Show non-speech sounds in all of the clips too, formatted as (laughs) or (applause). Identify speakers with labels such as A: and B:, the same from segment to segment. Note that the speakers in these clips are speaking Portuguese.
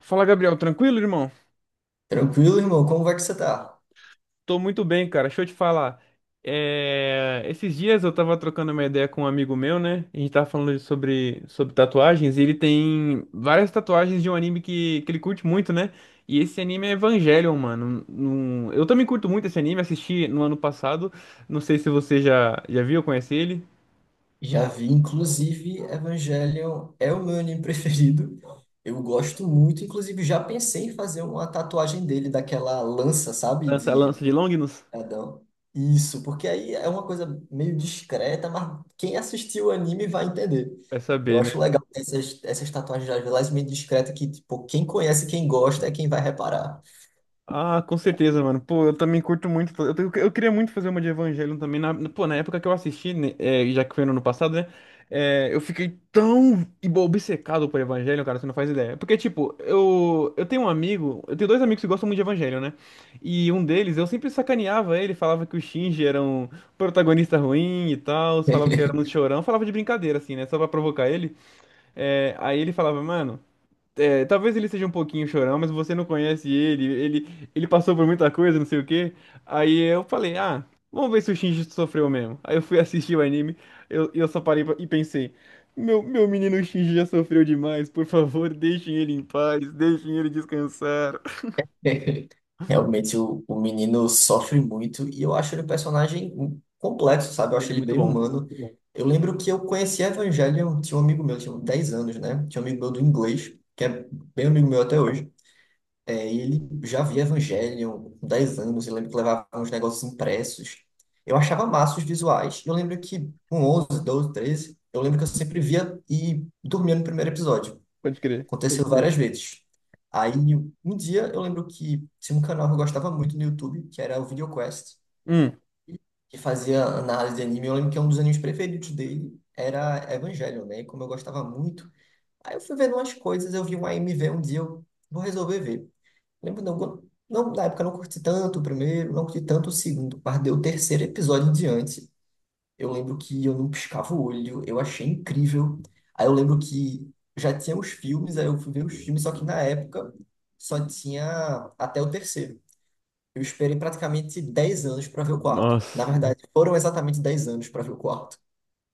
A: Fala, Gabriel, tranquilo, irmão?
B: Tranquilo, irmão? Como vai que você tá?
A: Tô muito bem, cara. Deixa eu te falar. Esses dias eu tava trocando uma ideia com um amigo meu, né? A gente tava falando sobre tatuagens e ele tem várias tatuagens de um anime que ele curte muito, né? E esse anime é Evangelion, mano. Eu também curto muito esse anime, assisti no ano passado. Não sei se você já viu, conhece ele.
B: Já vi, inclusive, Evangelion é o meu anime (laughs) preferido. Eu gosto muito, inclusive já pensei em fazer uma tatuagem dele, daquela lança, sabe?
A: Lança,
B: De
A: lança de Longinus?
B: Adão. Isso, porque aí é uma coisa meio discreta, mas quem assistiu o anime vai entender.
A: Vai
B: Eu
A: saber, né?
B: acho legal essas tatuagens, às vezes, meio discretas, que, tipo, quem conhece, quem gosta, é quem vai reparar.
A: Ah, com certeza, mano. Pô, eu também curto muito. Eu queria muito fazer uma de Evangelion também. Pô, na época que eu assisti, né, já que foi no ano passado, né? Eu fiquei tão obcecado por Evangelion, cara, você não faz ideia. Porque, tipo, eu tenho um amigo, eu tenho dois amigos que gostam muito de Evangelion, né? E um deles, eu sempre sacaneava ele, falava que o Shinji era um protagonista ruim e tal, falava que era muito chorão, falava de brincadeira, assim, né? Só pra provocar ele. É, aí ele falava, mano. É, talvez ele seja um pouquinho chorão, mas você não conhece ele passou por muita coisa, não sei o quê. Aí eu falei, ah, vamos ver se o Shinji sofreu mesmo. Aí eu fui (laughs) assistir o anime, eu só parei e pensei, meu menino Shinji já sofreu demais, por favor, deixem ele em paz, deixem ele descansar.
B: (laughs) Realmente o menino sofre muito e eu acho ele um personagem complexo, sabe? Eu
A: Ele
B: acho
A: é
B: ele
A: muito
B: bem
A: bom,
B: humano. Eu lembro que eu conheci Evangelion, tinha um amigo meu, tinha uns 10 anos, né? Tinha um amigo meu do inglês, que é bem amigo meu até hoje. É, e ele já via Evangelion com 10 anos, eu lembro que levava uns negócios impressos. Eu achava massa os visuais. Eu lembro que com 11 12 13 eu lembro que eu sempre via e dormia no primeiro episódio.
A: pode crer.
B: Aconteceu várias vezes. Aí, um dia, eu lembro que tinha um canal que eu gostava muito no YouTube, que era o VideoQuest,
A: Hum,
B: que fazia análise de anime. Eu lembro que um dos animes preferidos dele era Evangelion, né? E como eu gostava muito, aí eu fui vendo umas coisas, eu vi um AMV um dia, eu vou resolver ver. Lembro, não, não, na época eu não curti tanto o primeiro, não curti tanto o segundo, mas deu o terceiro episódio em diante. Eu lembro que eu não piscava o olho, eu achei incrível. Aí eu lembro que já tinha os filmes, aí eu fui ver os filmes, só que na época só tinha até o terceiro. Eu esperei praticamente 10 anos para ver o quarto. Na
A: nossa.
B: verdade, foram exatamente 10 anos para ver o quarto.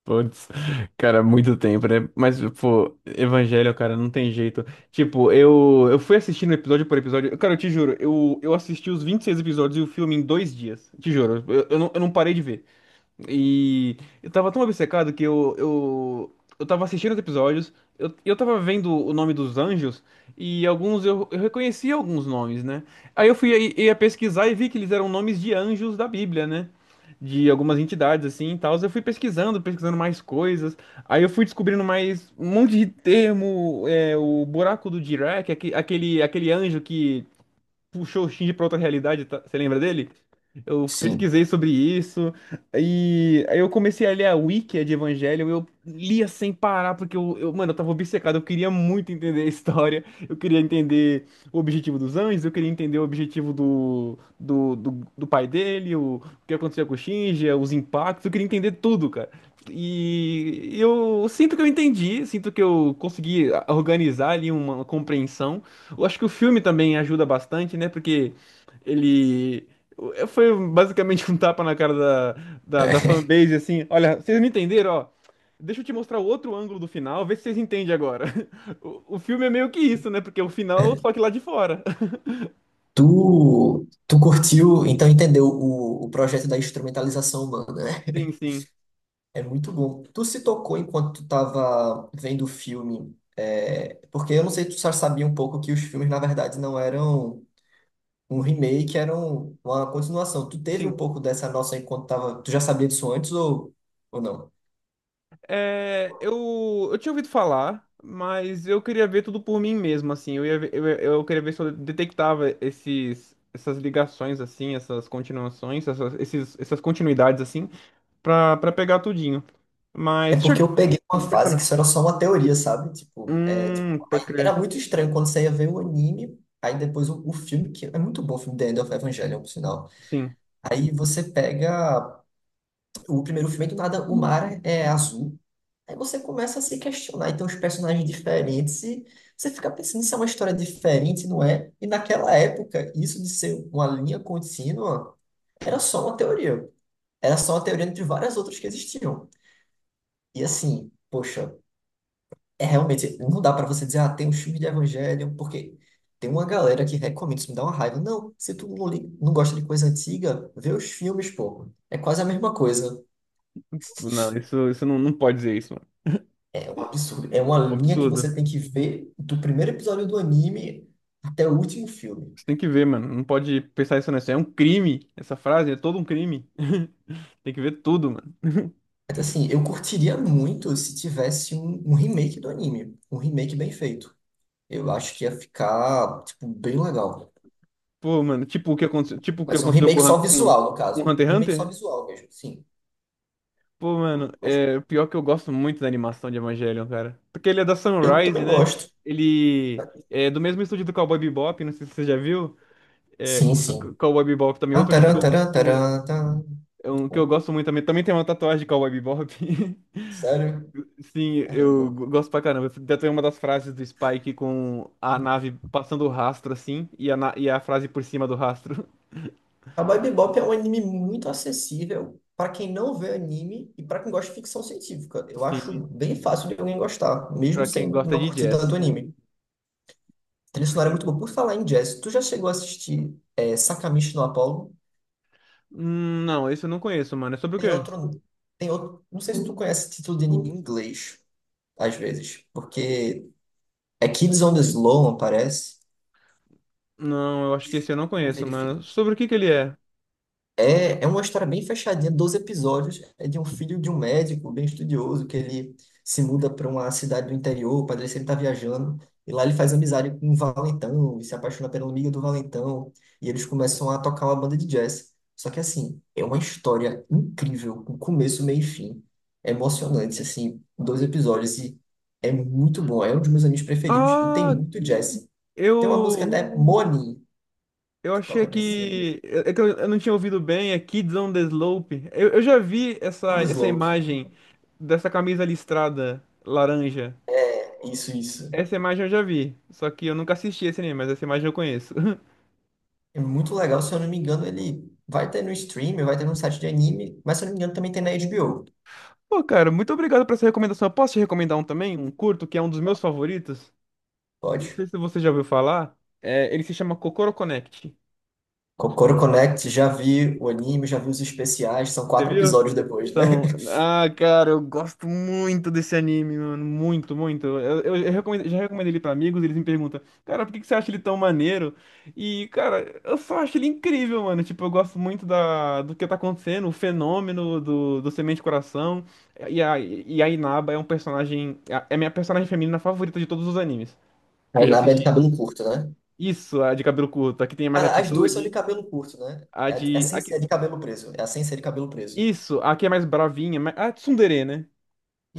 A: Putz, cara, muito tempo, né? Mas, pô, Evangelho, cara, não tem jeito. Tipo, eu fui assistindo episódio por episódio. Cara, eu te juro, eu assisti os 26 episódios e o filme em 2 dias. Te juro, eu não parei de ver. E eu tava tão obcecado que eu tava assistindo os episódios, eu tava vendo o nome dos anjos, e alguns eu reconhecia alguns nomes, né? Aí eu ia pesquisar e vi que eles eram nomes de anjos da Bíblia, né? De algumas entidades assim e tal. Eu fui pesquisando, pesquisando mais coisas. Aí eu fui descobrindo mais um monte de termo, é, o buraco do Dirac, aquele anjo que puxou o Shinji pra outra realidade, tá? Você lembra dele? Eu
B: Sim.
A: pesquisei sobre isso, e aí eu comecei a ler a Wiki de Evangelho, eu lia sem parar, porque mano, eu tava obcecado, eu queria muito entender a história, eu queria entender o objetivo dos anjos, eu queria entender o objetivo do pai dele, o que acontecia com o Shinji, os impactos, eu queria entender tudo, cara. E eu sinto que eu entendi, sinto que eu consegui organizar ali uma compreensão, eu acho que o filme também ajuda bastante, né? Porque ele foi basicamente (laughs) um tapa na cara da
B: (laughs)
A: fanbase, assim. Olha, vocês não entenderam, ó. Deixa eu te mostrar outro ângulo do final, vê se vocês entendem agora. (laughs) O filme é meio que isso, né? Porque é o final, só que lá de fora. (laughs)
B: Tu curtiu, então entendeu o projeto da instrumentalização humana, né?
A: Sim, sim,
B: É muito bom. Tu se tocou enquanto tu tava vendo o filme, é, porque eu não sei se tu já sabia um pouco que os filmes, na verdade, não eram um remake, eram uma continuação. Tu teve um
A: sim.
B: pouco dessa noção enquanto tava. Tu já sabia disso antes ou não?
A: É, eu tinha ouvido falar, mas eu queria ver tudo por mim mesmo, assim. Eu queria ver se eu detectava esses, essas ligações, assim, essas continuações, essas continuidades, assim. Pra pegar tudinho.
B: É
A: Mas, deixa
B: porque
A: eu...
B: eu peguei uma
A: Pode
B: fase que
A: falar.
B: isso era só uma teoria, sabe? Tipo, é, tipo, aí
A: Pode
B: era
A: crer.
B: muito estranho quando você ia ver o anime, aí depois o filme, que é muito bom o filme The End of Evangelion, por sinal.
A: Sim.
B: Aí você pega o primeiro filme, e do nada, o mar é azul. Aí você começa a se questionar. Então, os personagens diferentes, e você fica pensando se é uma história diferente, não é? E naquela época, isso de ser uma linha contínua era só uma teoria. Era só uma teoria entre várias outras que existiam. E assim, poxa, é realmente, não dá pra você dizer, ah, tem um filme de Evangelho, porque tem uma galera que recomenda, isso me dá uma raiva. Não, se tu não, não gosta de coisa antiga, vê os filmes, pô. É quase a mesma coisa.
A: Não, isso não pode dizer isso, mano.
B: É um absurdo. É uma
A: É um
B: linha que
A: absurdo.
B: você tem que ver do primeiro episódio do anime até o último filme.
A: Você tem que ver, mano. Não pode pensar isso nessa. É um crime. Essa frase é todo um crime. (laughs) Tem que ver tudo, mano.
B: Mas assim, eu curtiria muito se tivesse um remake do anime. Um remake bem feito. Eu acho que ia ficar, tipo, bem legal.
A: Pô, mano, tipo o que aconteceu, tipo o que
B: Mas um
A: aconteceu com
B: remake
A: o Hun-
B: só
A: com,
B: visual, no
A: com
B: caso.
A: Hunter x
B: Remake só
A: Hunter.
B: visual mesmo, sim.
A: Pô, mano,
B: Mas
A: é pior que eu gosto muito da animação de Evangelion, cara. Porque ele é da
B: eu
A: Sunrise,
B: também
A: né?
B: gosto.
A: Ele é do mesmo estúdio do Cowboy Bebop, não sei se você já viu. É,
B: Sim, sim.
A: Cowboy Bebop também,
B: Ah,
A: outro anime.
B: tarã, tarã,
A: Que eu-
B: tarã, tarã.
A: É
B: Muito
A: um que eu
B: bom.
A: gosto muito também. Também tem uma tatuagem de Cowboy Bebop. (laughs)
B: Sério?
A: Sim, eu
B: Caramba.
A: gosto pra caramba. Até tem uma das frases do Spike com a nave passando o rastro assim e a, e a frase por cima do rastro.
B: Cowboy Bebop é um anime muito acessível para quem não vê anime e para quem gosta de ficção científica. Eu
A: (laughs)
B: acho
A: Sim.
B: bem fácil de alguém gostar,
A: E
B: mesmo
A: pra
B: sem
A: quem gosta
B: não
A: de
B: curtir tanto
A: jazz.
B: anime. A
A: E
B: trilha
A: pra
B: sonora é
A: quem...
B: muito boa. Por falar em jazz, tu já chegou a assistir Sakamichi no Apollo?
A: Não, esse eu não conheço, mano. É sobre o
B: Tem
A: quê?
B: outro, tem outro, não sei se tu conhece esse título de anime em inglês, às vezes, porque é Kids on the Slope, parece.
A: Não, eu acho que esse eu não
B: Vou
A: conheço, mano. Sobre o que que ele é?
B: É uma história bem fechadinha, 12 episódios. É de um filho de um médico bem estudioso que ele se muda para uma cidade do interior. O padre sempre está viajando. E lá ele faz amizade com um valentão e se apaixona pela amiga do valentão. E eles começam a tocar uma banda de jazz. Só que, assim, é uma história incrível, com começo, meio e fim. É emocionante, assim, 2 episódios. E é muito bom. É um dos meus animes preferidos. E tem
A: Ah,
B: muito jazz. Tem uma música,
A: eu
B: né? Money,
A: Eu
B: que
A: achei
B: toca nesse anime.
A: que. É que eu não tinha ouvido bem, é Kids on the Slope. Eu já vi essa,
B: Sound
A: essa
B: Slope.
A: imagem dessa camisa listrada laranja.
B: Isso, isso.
A: Essa imagem eu já vi. Só que eu nunca assisti esse anime, mas essa imagem eu conheço. (laughs)
B: É muito legal, se eu não me engano, ele vai ter no stream, vai ter no site de anime, mas se eu não me engano também tem na HBO.
A: Pô, cara, muito obrigado por essa recomendação. Eu posso te recomendar um também? Um curto, que é um dos meus favoritos. Não
B: Pode.
A: sei se você já ouviu falar. É, ele se chama Kokoro Connect.
B: Kokoro Connect, já vi o anime, já vi os especiais, são
A: Você
B: quatro
A: viu?
B: episódios depois, né?
A: São.
B: (laughs)
A: Ah, cara, eu gosto muito desse anime, mano. Muito, muito. Eu já recomendei ele pra amigos, eles me perguntam, cara, por que que você acha ele tão maneiro? E, cara, eu só acho ele incrível, mano. Tipo, eu gosto muito da, do que tá acontecendo, o fenômeno do Semente Coração. E a Inaba é um personagem. É a minha personagem feminina favorita de todos os animes
B: A
A: que eu já
B: Inabe é de
A: assisti.
B: cabelo curto, né?
A: Isso, a de cabelo curto, a que tem mais
B: Cara, as duas são de
A: atitude,
B: cabelo curto, né?
A: a
B: É a
A: de. A
B: sensei
A: que,
B: é de cabelo preso. É a sensei de cabelo preso.
A: isso, a que é mais bravinha, mas a tsundere, né?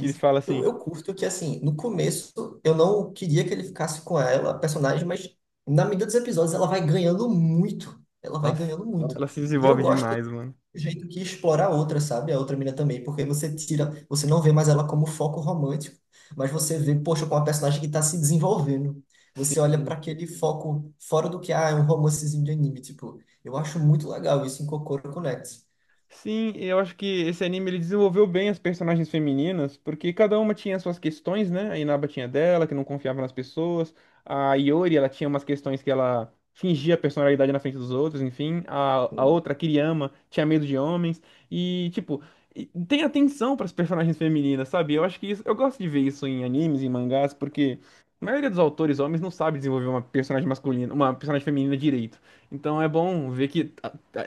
A: que fala
B: Eu,
A: assim,
B: eu curto que, assim, no começo eu não queria que ele ficasse com ela, a personagem, mas na medida dos episódios ela vai ganhando muito. Ela vai
A: nossa,
B: ganhando muito.
A: ela se
B: E eu
A: desenvolve
B: gosto do
A: demais, mano.
B: jeito que explora a outra, sabe? A outra mina também, porque você tira, você não vê mais ela como foco romântico, mas você vê, poxa, com uma personagem que tá se desenvolvendo. Você
A: Sim.
B: olha para aquele foco fora do que, ah, é um romancezinho de anime, tipo, eu acho muito legal isso em Kokoro Connects.
A: Sim, eu acho que esse anime ele desenvolveu bem as personagens femininas, porque cada uma tinha suas questões, né? A Inaba tinha dela, que não confiava nas pessoas. A Iori, ela tinha umas questões que ela fingia personalidade na frente dos outros, enfim. A outra, a Kiriyama, tinha medo de homens. E, tipo, e tem atenção para as personagens femininas, sabe? Eu acho que isso, eu gosto de ver isso em animes, em mangás, porque a maioria dos autores homens não sabe desenvolver uma personagem masculina, uma personagem feminina direito. Então é bom ver que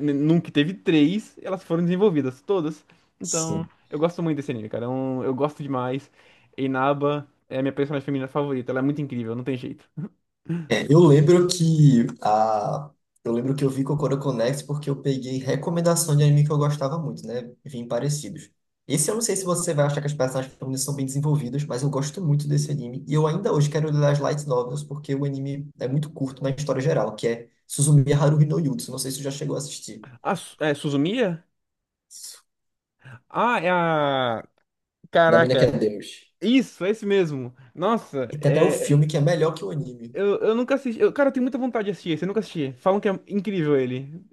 A: nunca teve três, elas foram desenvolvidas todas. Então,
B: Sim.
A: eu gosto muito desse anime, cara. É um- Eu, gosto demais. Inaba é a minha personagem feminina favorita. Ela é muito incrível, não tem jeito.
B: É, eu lembro que eu lembro que eu vi Kokoro Connect porque eu peguei recomendação de anime que eu gostava muito, né? Vim parecidos. Esse eu não sei se você vai achar que as personagens femininas são bem desenvolvidas, mas eu gosto muito desse anime. E eu ainda hoje quero ler as light novels porque o anime é muito curto na história geral, que é Suzumiya Haruhi no Yutsu. Não sei se você já chegou a assistir.
A: Ah, é Suzumiya? Ah, é a.
B: Da mina que
A: Caraca.
B: é Deus.
A: Isso, é esse mesmo. Nossa,
B: E tem até o
A: é.
B: filme que é melhor que o anime.
A: Eu nunca assisti. Cara, eu tenho muita vontade de assistir esse. Eu nunca assisti. Falam que é incrível ele.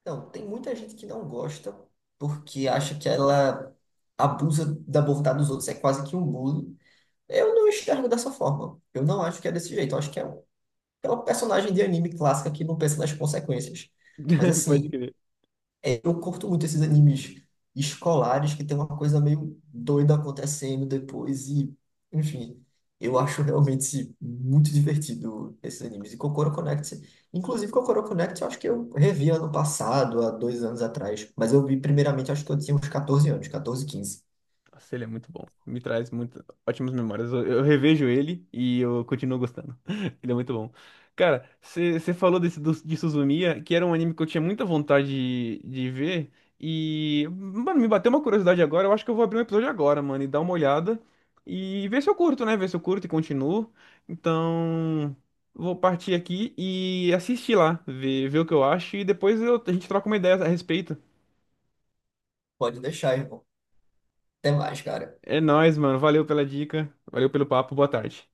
B: Então, tem muita gente que não gosta porque acha que ela abusa da bondade dos outros, é quase que um bullying. Eu não enxergo dessa forma. Eu não acho que é desse jeito. Eu acho que é um personagem de anime clássica que não pensa nas consequências. Mas
A: (laughs) Pode
B: assim,
A: crer.
B: eu curto muito esses animes escolares que tem uma coisa meio doida acontecendo depois e, enfim, eu acho realmente muito divertido esses animes. E Kokoro Connect, inclusive Kokoro Connect, eu acho que eu revi ano passado, há 2 anos atrás, mas eu vi primeiramente, acho que eu tinha uns 14 anos, 14, 15.
A: Nossa, ele é muito bom. Me traz muito, ótimas memórias. Eu revejo ele e eu continuo gostando. (laughs) Ele é muito bom. Cara, você falou desse, do, de Suzumiya, que era um anime que eu tinha muita vontade de ver. E, mano, me bateu uma curiosidade agora. Eu acho que eu vou abrir um episódio agora, mano, e dar uma olhada. E ver se eu curto, né? Ver se eu curto e continuo. Então, vou partir aqui e assistir lá, ver o que eu acho. E depois a gente troca uma ideia a respeito.
B: Pode deixar, irmão. Até mais, cara.
A: É nóis, mano. Valeu pela dica. Valeu pelo papo. Boa tarde.